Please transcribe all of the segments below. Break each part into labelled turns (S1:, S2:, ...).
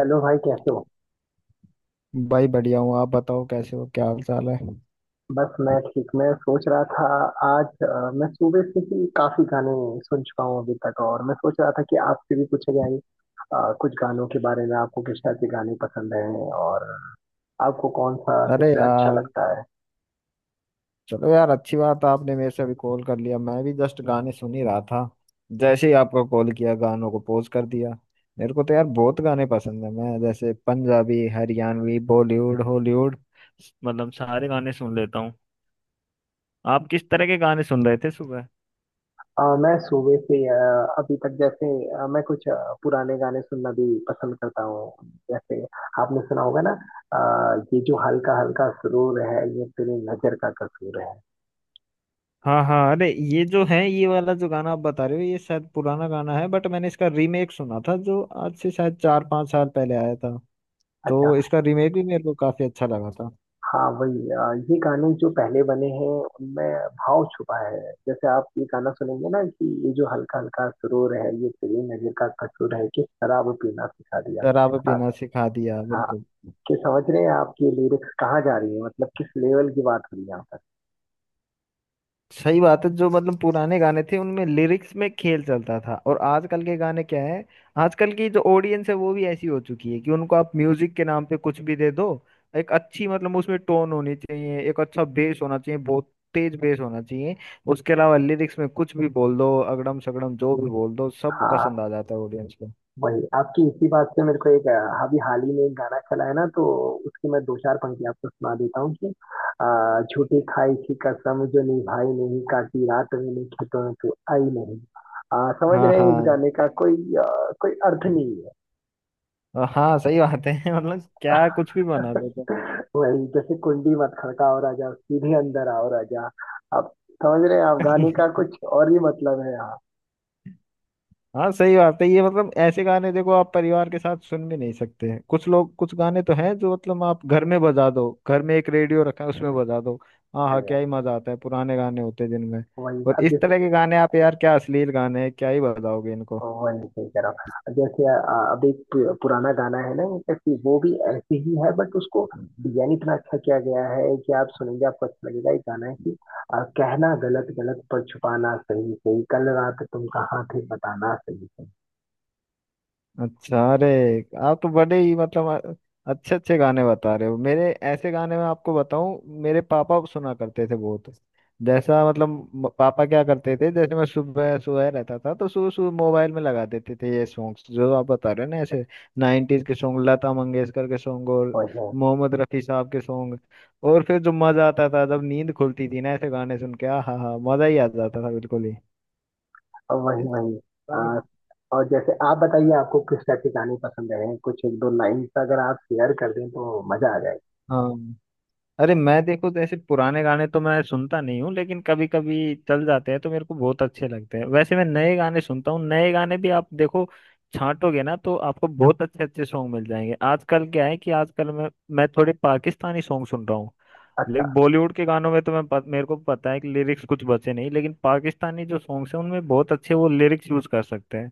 S1: Hello भाई, कैसे हो।
S2: भाई बढ़िया हूँ। आप बताओ कैसे हो, क्या हाल चाल है।
S1: बस मैं ठीक। मैं सोच रहा था आज मैं सुबह से ही काफी गाने सुन चुका हूँ अभी तक। और मैं सोच रहा था कि आपसे भी पूछा जाए कुछ गानों के बारे में, आपको किस टाइप के गाने पसंद हैं और आपको कौन सा
S2: अरे
S1: सबसे अच्छा
S2: यार,
S1: लगता है।
S2: चलो यार, अच्छी बात है, आपने मेरे से अभी कॉल कर लिया, मैं भी जस्ट गाने सुन ही रहा था। जैसे ही आपका कॉल किया, गानों को पॉज कर दिया। मेरे को तो यार बहुत गाने पसंद है, मैं जैसे पंजाबी, हरियाणवी, बॉलीवुड, हॉलीवुड मतलब सारे गाने सुन लेता हूँ। आप किस तरह के गाने सुन रहे थे सुबह?
S1: मैं सुबह से अभी तक, जैसे मैं कुछ पुराने गाने सुनना भी पसंद करता हूँ, जैसे आपने सुना होगा ना, ये जो हल्का हल्का सुरूर है ये तेरी नजर का कसूर है।
S2: हाँ हाँ, अरे ये जो है, ये वाला जो गाना आप बता रहे हो, ये शायद पुराना गाना है, बट मैंने इसका रीमेक सुना था जो आज से शायद 4-5 साल पहले आया था। तो
S1: अच्छा।
S2: इसका रीमेक भी मेरे को काफी अच्छा लगा था।
S1: हाँ वही। ये गाने जो पहले बने हैं उनमें भाव छुपा है। जैसे आप ये गाना सुनेंगे ना कि ये जो हल्का हल्का सुरूर है ये तेरी नजर का कसूर है, कि शराब पीना सिखा दिया।
S2: शराब
S1: आप।
S2: पीना सिखा दिया,
S1: हाँ।
S2: बिल्कुल।
S1: कि समझ रहे हैं आपकी लिरिक्स कहाँ जा रही है, मतलब किस लेवल की बात हो रही है यहाँ पर।
S2: सही बात है, जो मतलब पुराने गाने थे उनमें लिरिक्स में खेल चलता था, और आजकल के गाने क्या है। आजकल की जो ऑडियंस है, वो भी ऐसी हो चुकी है कि उनको आप म्यूजिक के नाम पे कुछ भी दे दो। एक अच्छी मतलब उसमें टोन होनी चाहिए, एक अच्छा बेस होना चाहिए, बहुत तेज बेस होना चाहिए। उसके अलावा लिरिक्स में कुछ भी बोल दो, अगड़म सगड़म जो भी बोल दो, सब
S1: हाँ
S2: पसंद आ जाता है ऑडियंस को।
S1: वही। आपकी इसी बात से मेरे को एक अभी हाल ही में एक गाना चला है ना, तो उसकी मैं दो चार पंक्ति आपको सुना देता हूँ कि झूठी खाई की कसम जो निभाई नहीं, काटी रात मैंने खेतों में तू आई नहीं। समझ
S2: हाँ
S1: रहे हैं इस
S2: हाँ,
S1: गाने का कोई अर्थ नहीं है।
S2: हाँ सही बात है। मतलब क्या कुछ भी बना देते
S1: वही, जैसे कुंडी मत खड़काओ राजा सीधे अंदर आओ राजा। आप। समझ रहे हैं आप, गाने
S2: हैं।
S1: का कुछ और ही मतलब है यहाँ
S2: हाँ सही बात है, ये मतलब ऐसे गाने देखो आप परिवार के साथ सुन भी नहीं सकते हैं, कुछ लोग कुछ गाने तो हैं जो मतलब आप घर में बजा दो, घर में एक रेडियो रखा है उसमें बजा दो। हाँ
S1: पे।
S2: हाँ, क्या ही मजा आता है पुराने गाने होते हैं जिनमें।
S1: वही
S2: और
S1: अब
S2: इस
S1: जैसे।
S2: तरह के गाने आप यार क्या अश्लील गाने हैं, क्या ही बजाओगे इनको।
S1: वन सही कह रहा हूँ, जैसे अब एक पुराना गाना है ना इनका, कि वो भी ऐसे ही है बट उसको डिजाइन इतना अच्छा किया गया है कि आप सुनेंगे आपको अच्छा लगेगा। एक गाना है कि कहना गलत गलत, पर छुपाना सही सही, कल रात तुम कहाँ थे बताना सही सही।
S2: अच्छा, अरे आप तो बड़े ही मतलब अच्छे अच्छे गाने बता रहे हो। मेरे ऐसे गाने मैं आपको बताऊं, मेरे पापा सुना करते थे बहुत। जैसा मतलब पापा क्या करते थे, जैसे मैं सुबह सुबह रहता था तो सुबह सुबह मोबाइल में लगा देते थे ये सॉन्ग्स जो आप बता रहे हो ना, ऐसे 90s के सॉन्ग, लता मंगेशकर के सॉन्ग और
S1: वही है।
S2: मोहम्मद रफी साहब के सॉन्ग। और फिर जो मजा आता था जब नींद खुलती थी ना ऐसे गाने सुन के, आ हा हा, मजा ही आ जाता था बिल्कुल ही
S1: और वही वही। अ,
S2: गाने-।
S1: और जैसे आप बताइए आपको किस टाइप के गाने पसंद है, कुछ एक दो लाइन अगर आप शेयर कर दें तो मजा आ जाएगा।
S2: हाँ, अरे मैं देखो तो ऐसे पुराने गाने तो मैं सुनता नहीं हूँ, लेकिन कभी कभी चल जाते हैं तो मेरे को बहुत अच्छे लगते हैं। वैसे मैं नए गाने सुनता हूँ, नए गाने भी आप देखो छांटोगे ना तो आपको बहुत अच्छे अच्छे सॉन्ग मिल जाएंगे। आजकल क्या है कि आजकल मैं थोड़े पाकिस्तानी सॉन्ग सुन रहा हूँ। लेकिन
S1: अच्छा।
S2: बॉलीवुड के गानों में तो मैं मेरे को पता है कि लिरिक्स कुछ बचे नहीं, लेकिन पाकिस्तानी जो सॉन्ग्स हैं उनमें बहुत अच्छे वो लिरिक्स यूज कर सकते हैं।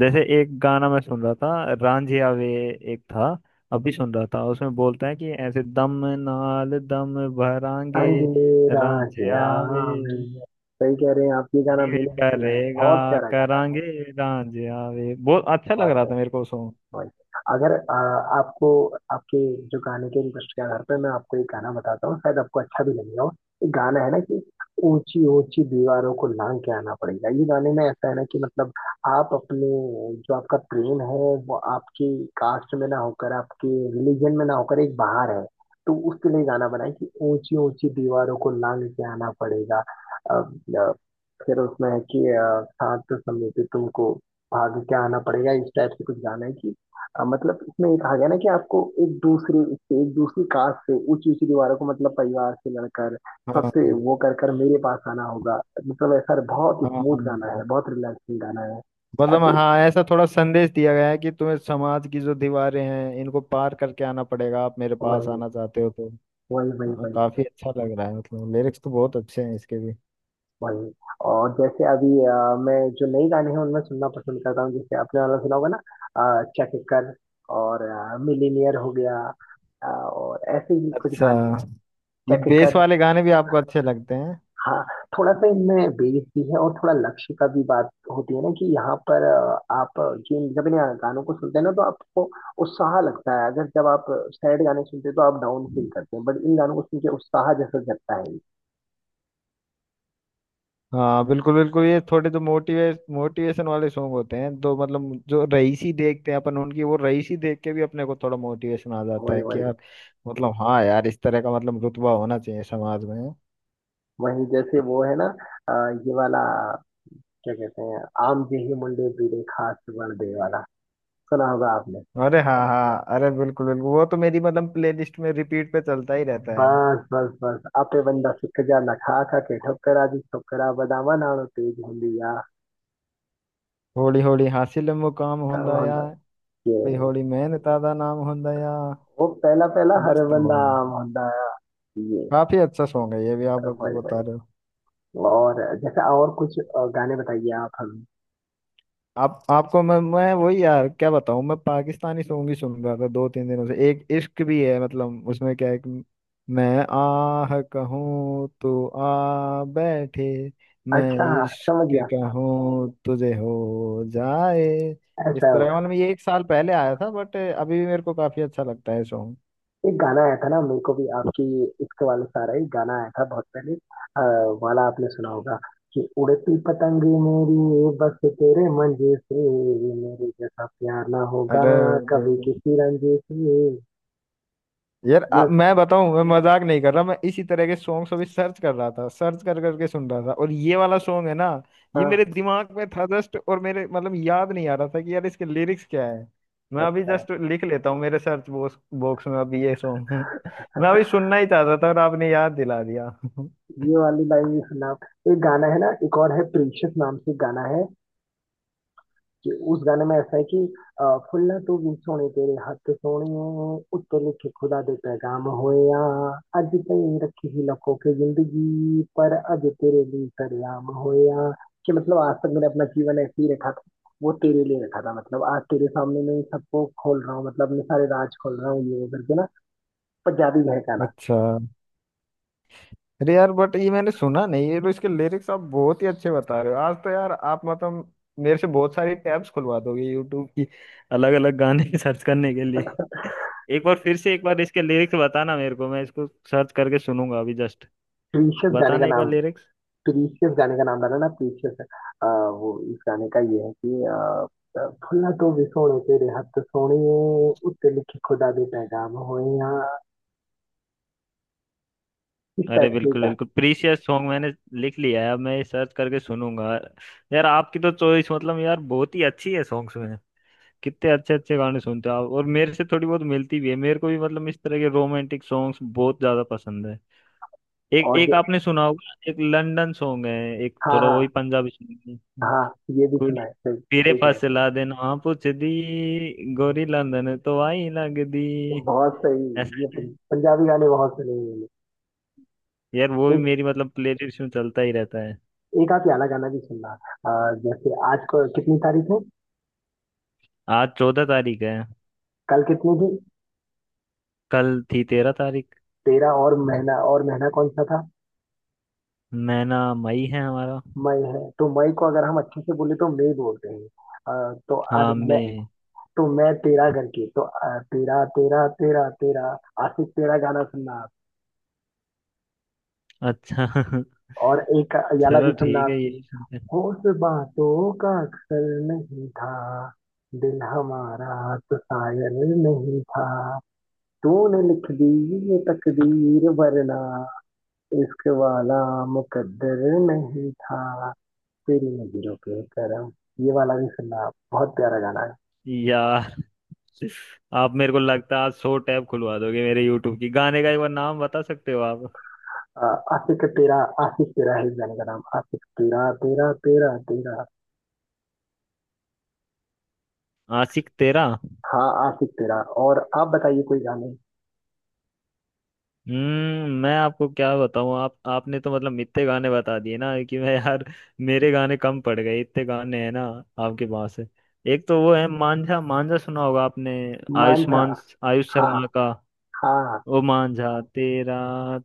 S2: जैसे एक गाना मैं सुन रहा था, रांझिया वे, एक था, अभी सुन रहा था, उसमें बोलते हैं कि ऐसे दम नाल दम भरांगे
S1: अंधेरा।
S2: रांझिया
S1: क्या। मैं।
S2: वे,
S1: सही कह रहे हैं आप, ये गाना
S2: दिल
S1: मैंने भी सुना है,
S2: करेगा
S1: बहुत प्यारा गाना है।
S2: करांगे रांझिया वे, बहुत अच्छा लग रहा था
S1: बहुत।
S2: मेरे को सॉन्ग।
S1: वही। अगर आपको, आपके जो गाने के इंटरेस्ट के आधार पर मैं आपको एक गाना बताता हूँ शायद आपको अच्छा भी लगेगा वो। एक गाना है ना कि ऊंची ऊंची दीवारों को लांग के आना पड़ेगा। ये गाने में ऐसा है ना कि मतलब, आप अपने, जो आपका प्रेम है वो आपकी कास्ट में ना होकर, आपके रिलीजन में ना होकर, एक बाहर है, तो उसके लिए गाना बनाए कि ऊंची ऊंची दीवारों को लांग के आना पड़ेगा। फिर उसमें है कि साथ समेत तुमको भाग के आना पड़ेगा। इस टाइप से कुछ गाना है कि मतलब इसमें एक आ गया ना कि आपको एक दूसरे से, एक दूसरी कास्ट से ऊंची ऊंची दीवारों को, मतलब परिवार से लड़कर सबसे
S2: हाँ
S1: वो कर कर मेरे पास आना होगा। मतलब ऐसा बहुत
S2: हाँ, हाँ
S1: स्मूथ गाना है, बहुत रिलैक्सिंग गाना है।
S2: मतलब
S1: ऐसे।
S2: हाँ, ऐसा थोड़ा संदेश दिया गया है कि तुम्हें समाज की जो दीवारें हैं इनको पार करके आना पड़ेगा आप मेरे पास
S1: वही
S2: आना चाहते हो तो।
S1: वही वही
S2: हाँ,
S1: वही
S2: काफी अच्छा लग रहा है, मतलब लिरिक्स तो बहुत अच्छे हैं इसके भी।
S1: वही। और जैसे अभी मैं जो नई गाने हैं उनमें सुनना पसंद करता हूँ, जैसे आपने वाला सुना होगा ना चक कर, और मिलीनियर हो गया, और ऐसे ही कुछ
S2: अच्छा,
S1: गाने हैं।
S2: ये
S1: चक
S2: बेस
S1: कर।
S2: वाले गाने भी आपको अच्छे लगते हैं?
S1: हाँ, थोड़ा सा इनमें बेस भी है और थोड़ा लक्ष्य का भी बात होती है ना कि यहाँ पर आप जिन जब इन गानों को सुनते हैं ना तो आपको उत्साह लगता है, अगर जब आप सैड गाने सुनते हैं तो आप डाउन फील करते हैं, बट इन गानों को सुन के उत्साह जैसा जगता है।
S2: हाँ बिल्कुल बिल्कुल, ये थोड़े जो मोटिवेशन वाले सॉन्ग होते हैं तो मतलब जो रईसी देखते हैं अपन उनकी, वो रईसी देख के भी अपने को थोड़ा मोटिवेशन आ जाता
S1: वही
S2: है कि
S1: वही
S2: यार मतलब, हाँ यार इस तरह का मतलब रुतबा होना चाहिए समाज में।
S1: वही। जैसे वो है ना अ, ये वाला क्या कहते हैं, आम जेही मुंडे बीड़े खास वण दे वाला। सुना होगा आपने।
S2: अरे हाँ हाँ, अरे बिल्कुल बिल्कुल, वो तो मेरी मतलब प्लेलिस्ट में रिपीट पे चलता ही रहता है।
S1: बस बस बस, आपे बंदा सिख जा नखा खा के, ठोकरा जी ठोकरा बदामा नालो तेज हुंदी आ,
S2: होली होली हासिल मुकाम
S1: काम
S2: होंदा या,
S1: हुंदा
S2: होली
S1: ये।
S2: होली मैन तादा नाम होंदा या,
S1: वो पहला पहला हर
S2: मस्त
S1: बंदा
S2: हुआ।
S1: आम हुंदा। आ, ये
S2: काफी अच्छा सॉन्ग है ये भी आप जो
S1: वही
S2: बता
S1: वही।
S2: रहे हो।
S1: और जैसे, और कुछ गाने बताइए आप हमें।
S2: आप आपको मैं वही यार क्या बताऊं, मैं पाकिस्तानी सॉन्ग ही सुन रहा था 2-3 दिनों से। एक इश्क भी है मतलब, उसमें क्या है कि मैं आह कहूँ तो आ बैठे, मैं
S1: अच्छा। समझ
S2: इश्क
S1: गया।
S2: कहूँ तुझे हो जाए। इस
S1: ऐसा हो।
S2: तरह का मतलब, ये एक साल पहले आया था बट अभी भी मेरे को काफी अच्छा लगता है सॉन्ग।
S1: एक गाना आया था ना मेरे को भी आपकी, इश्क वाले सारा ही गाना आया था बहुत पहले, वाला आपने सुना होगा कि उड़ती पतंग मेरी बस तेरे मंजे से, मेरे जैसा प्यार ना होगा
S2: अरे
S1: कभी किसी रंजे से।
S2: यार,
S1: ये
S2: मैं बताऊं, मैं मजाक नहीं कर रहा, मैं इसी तरह के सॉन्ग्स अभी सर्च कर रहा था, सर्च कर करके सुन रहा था, और ये वाला सॉन्ग है ना, ये
S1: उसका।
S2: मेरे दिमाग में था जस्ट और मेरे मतलब याद नहीं आ रहा था कि यार इसके लिरिक्स क्या है। मैं अभी
S1: अच्छा,
S2: जस्ट लिख लेता हूँ, मेरे सर्च बॉक्स बॉक्स में अभी ये सॉन्ग है। मैं अभी सुनना ही चाहता था और आपने याद दिला दिया।
S1: ये वाली लाइन भी सुना आप। एक गाना है ना, एक और है, प्रीशियस नाम से गाना है, कि उस गाने में ऐसा है कि अ, फुल्ला तू भी सोने तेरे हत्थ सोहणिए, उत्ते लिखे खुदा दे पैगाम होया, अज ताईं रखी ही लखों की जिंदगी, पर अज तेरे लिए सरेआम होया। कि मतलब आज तक मैंने अपना जीवन ऐसे ही रखा था, वो तेरे लिए रखा था, मतलब आज तेरे सामने मैं इन सबको खोल रहा हूँ, मतलब अपने सारे राज खोल रहा हूँ, ये वो करके ना। पंजाबी है गाना।
S2: अच्छा, अरे यार, बट ये मैंने सुना नहीं, ये तो इसके लिरिक्स आप बहुत ही अच्छे बता रहे हो। आज तो यार आप मतलब मेरे से बहुत सारी टैब्स खुलवा दोगे यूट्यूब की, अलग अलग गाने सर्च करने के लिए। एक बार फिर से, एक बार इसके लिरिक्स बताना मेरे को, मैं इसको सर्च करके सुनूंगा अभी जस्ट,
S1: डिलीशियस गाने का
S2: बताना एक बार
S1: नाम,
S2: लिरिक्स।
S1: प्रीशियस गाने का नाम डाला ना, प्रीशियस। वो इस गाने का ये है कि फुल्ला तो भी सोने तेरे हत्थ सोने, उत्ते लिखे खुदा दे पैगाम होए यहाँ, इस
S2: अरे
S1: टाइप से ही
S2: बिल्कुल
S1: गाना।
S2: बिल्कुल, प्रीशियस सॉन्ग मैंने लिख लिया है, अब मैं सर्च करके सुनूंगा। यार आपकी तो चॉइस मतलब यार बहुत ही अच्छी है सॉन्ग्स में, कितने अच्छे अच्छे गाने सुनते हो आप, और मेरे से थोड़ी बहुत मिलती भी है, मेरे को भी मतलब इस तरह के रोमांटिक सॉन्ग्स बहुत ज्यादा पसंद है। एक
S1: और जो।
S2: एक आपने सुना होगा, एक लंदन सॉन्ग है, एक
S1: हाँ
S2: थोड़ा वही
S1: हाँ
S2: पंजाबी सॉन्ग है।
S1: हाँ, ये भी सुना
S2: ਕੁੜੀ
S1: है, सही
S2: ਤੇਰੇ
S1: सही कह रहे
S2: ਪਾਸੇ ਲਾ ਦੇ ਨਾ ਪੁੱਛਦੀ, ਗੋਰੀ ਲੰਦਨ ਤੋਂ ਆਈ ਲੱਗਦੀ।
S1: हो। बहुत सही। ये
S2: ऐसा,
S1: पंजाबी गाने बहुत सुने हैं मैंने।
S2: यार वो भी
S1: एक
S2: मेरी मतलब प्लेलिस्ट में चलता ही रहता है।
S1: एक, आप याला गाना भी सुनना। जैसे आज को कितनी तारीख है,
S2: आज 14 तारीख है।
S1: कल कितनी थी
S2: कल थी 13 तारीख।
S1: 13, और महीना कौन सा था,
S2: महीना मई है हमारा।
S1: मई है। तो मई को अगर हम अच्छे से बोले तो मई बोलते हैं। तो आज
S2: हाँ
S1: मैं,
S2: मैं।
S1: तो मैं तेरा करके, तो तेरा तेरा तेरा तेरा आशिक तेरा गाना सुनना आप।
S2: अच्छा।
S1: और एक याला भी
S2: चलो
S1: सुनना
S2: ठीक है
S1: आपकी।
S2: ये।
S1: होश बातों का अक्सर नहीं था, दिल हमारा तो शायर नहीं था, तूने लिख दी ये तकदीर, वरना इश्क वाला मुकद्दर नहीं था, तेरी नजरों के करम। ये वाला भी सुनना आप, बहुत प्यारा गाना है।
S2: यार आप मेरे को लगता है आज 100 टैब खुलवा दोगे मेरे यूट्यूब की। गाने का एक बार नाम बता सकते हो आप?
S1: अ, आशिक तेरा। आशिक तेरा है इस गाने का नाम, आशिक तेरा तेरा तेरा तेरा।
S2: आशिक तेरा।
S1: हाँ, आशिक तेरा। और आप बताइए कोई गाने।
S2: हम्म, मैं आपको क्या बताऊं, आप आपने तो मतलब इतने गाने बता दिए ना कि मैं यार, मेरे गाने कम पड़ गए, इतने गाने हैं ना आपके पास। एक तो वो है मांझा, मांझा सुना होगा आपने,
S1: मांझा।
S2: आयुष्मान, आयुष
S1: हाँ
S2: शर्मा का।
S1: हाँ,
S2: ओ मांझा तेरा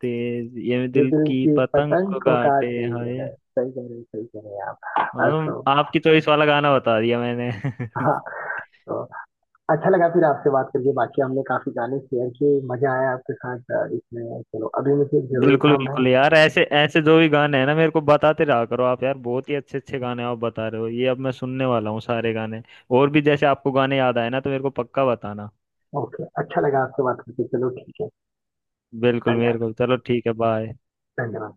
S2: तेज ये
S1: ये
S2: दिल
S1: दिल
S2: की
S1: की
S2: पतंग
S1: पतंग
S2: को
S1: को
S2: काटे
S1: काट रही
S2: हाय,
S1: है, सही कह रहे हैं, सही कह रहे हैं आप। हाँ,
S2: और
S1: सो।
S2: आपकी चॉइस वाला गाना बता दिया मैंने।
S1: हाँ तो, अच्छा लगा फिर आपसे बात करके, बाकी हमने काफी गाने शेयर किए, मजा आया आपके साथ इसमें। चलो अभी मुझे एक जरूरी
S2: बिल्कुल
S1: काम है।
S2: बिल्कुल यार, ऐसे ऐसे जो भी गाने हैं ना मेरे को बताते रहा करो आप यार, बहुत ही अच्छे अच्छे गाने आप बता रहे हो, ये अब मैं सुनने वाला हूँ सारे गाने। और भी जैसे आपको गाने याद आए ना तो मेरे को पक्का बताना।
S1: ओके, अच्छा लगा आपसे बात करके, चलो ठीक है।
S2: बिल्कुल,
S1: धन्यवाद।
S2: मेरे को चलो ठीक है, बाय।
S1: धन्यवाद।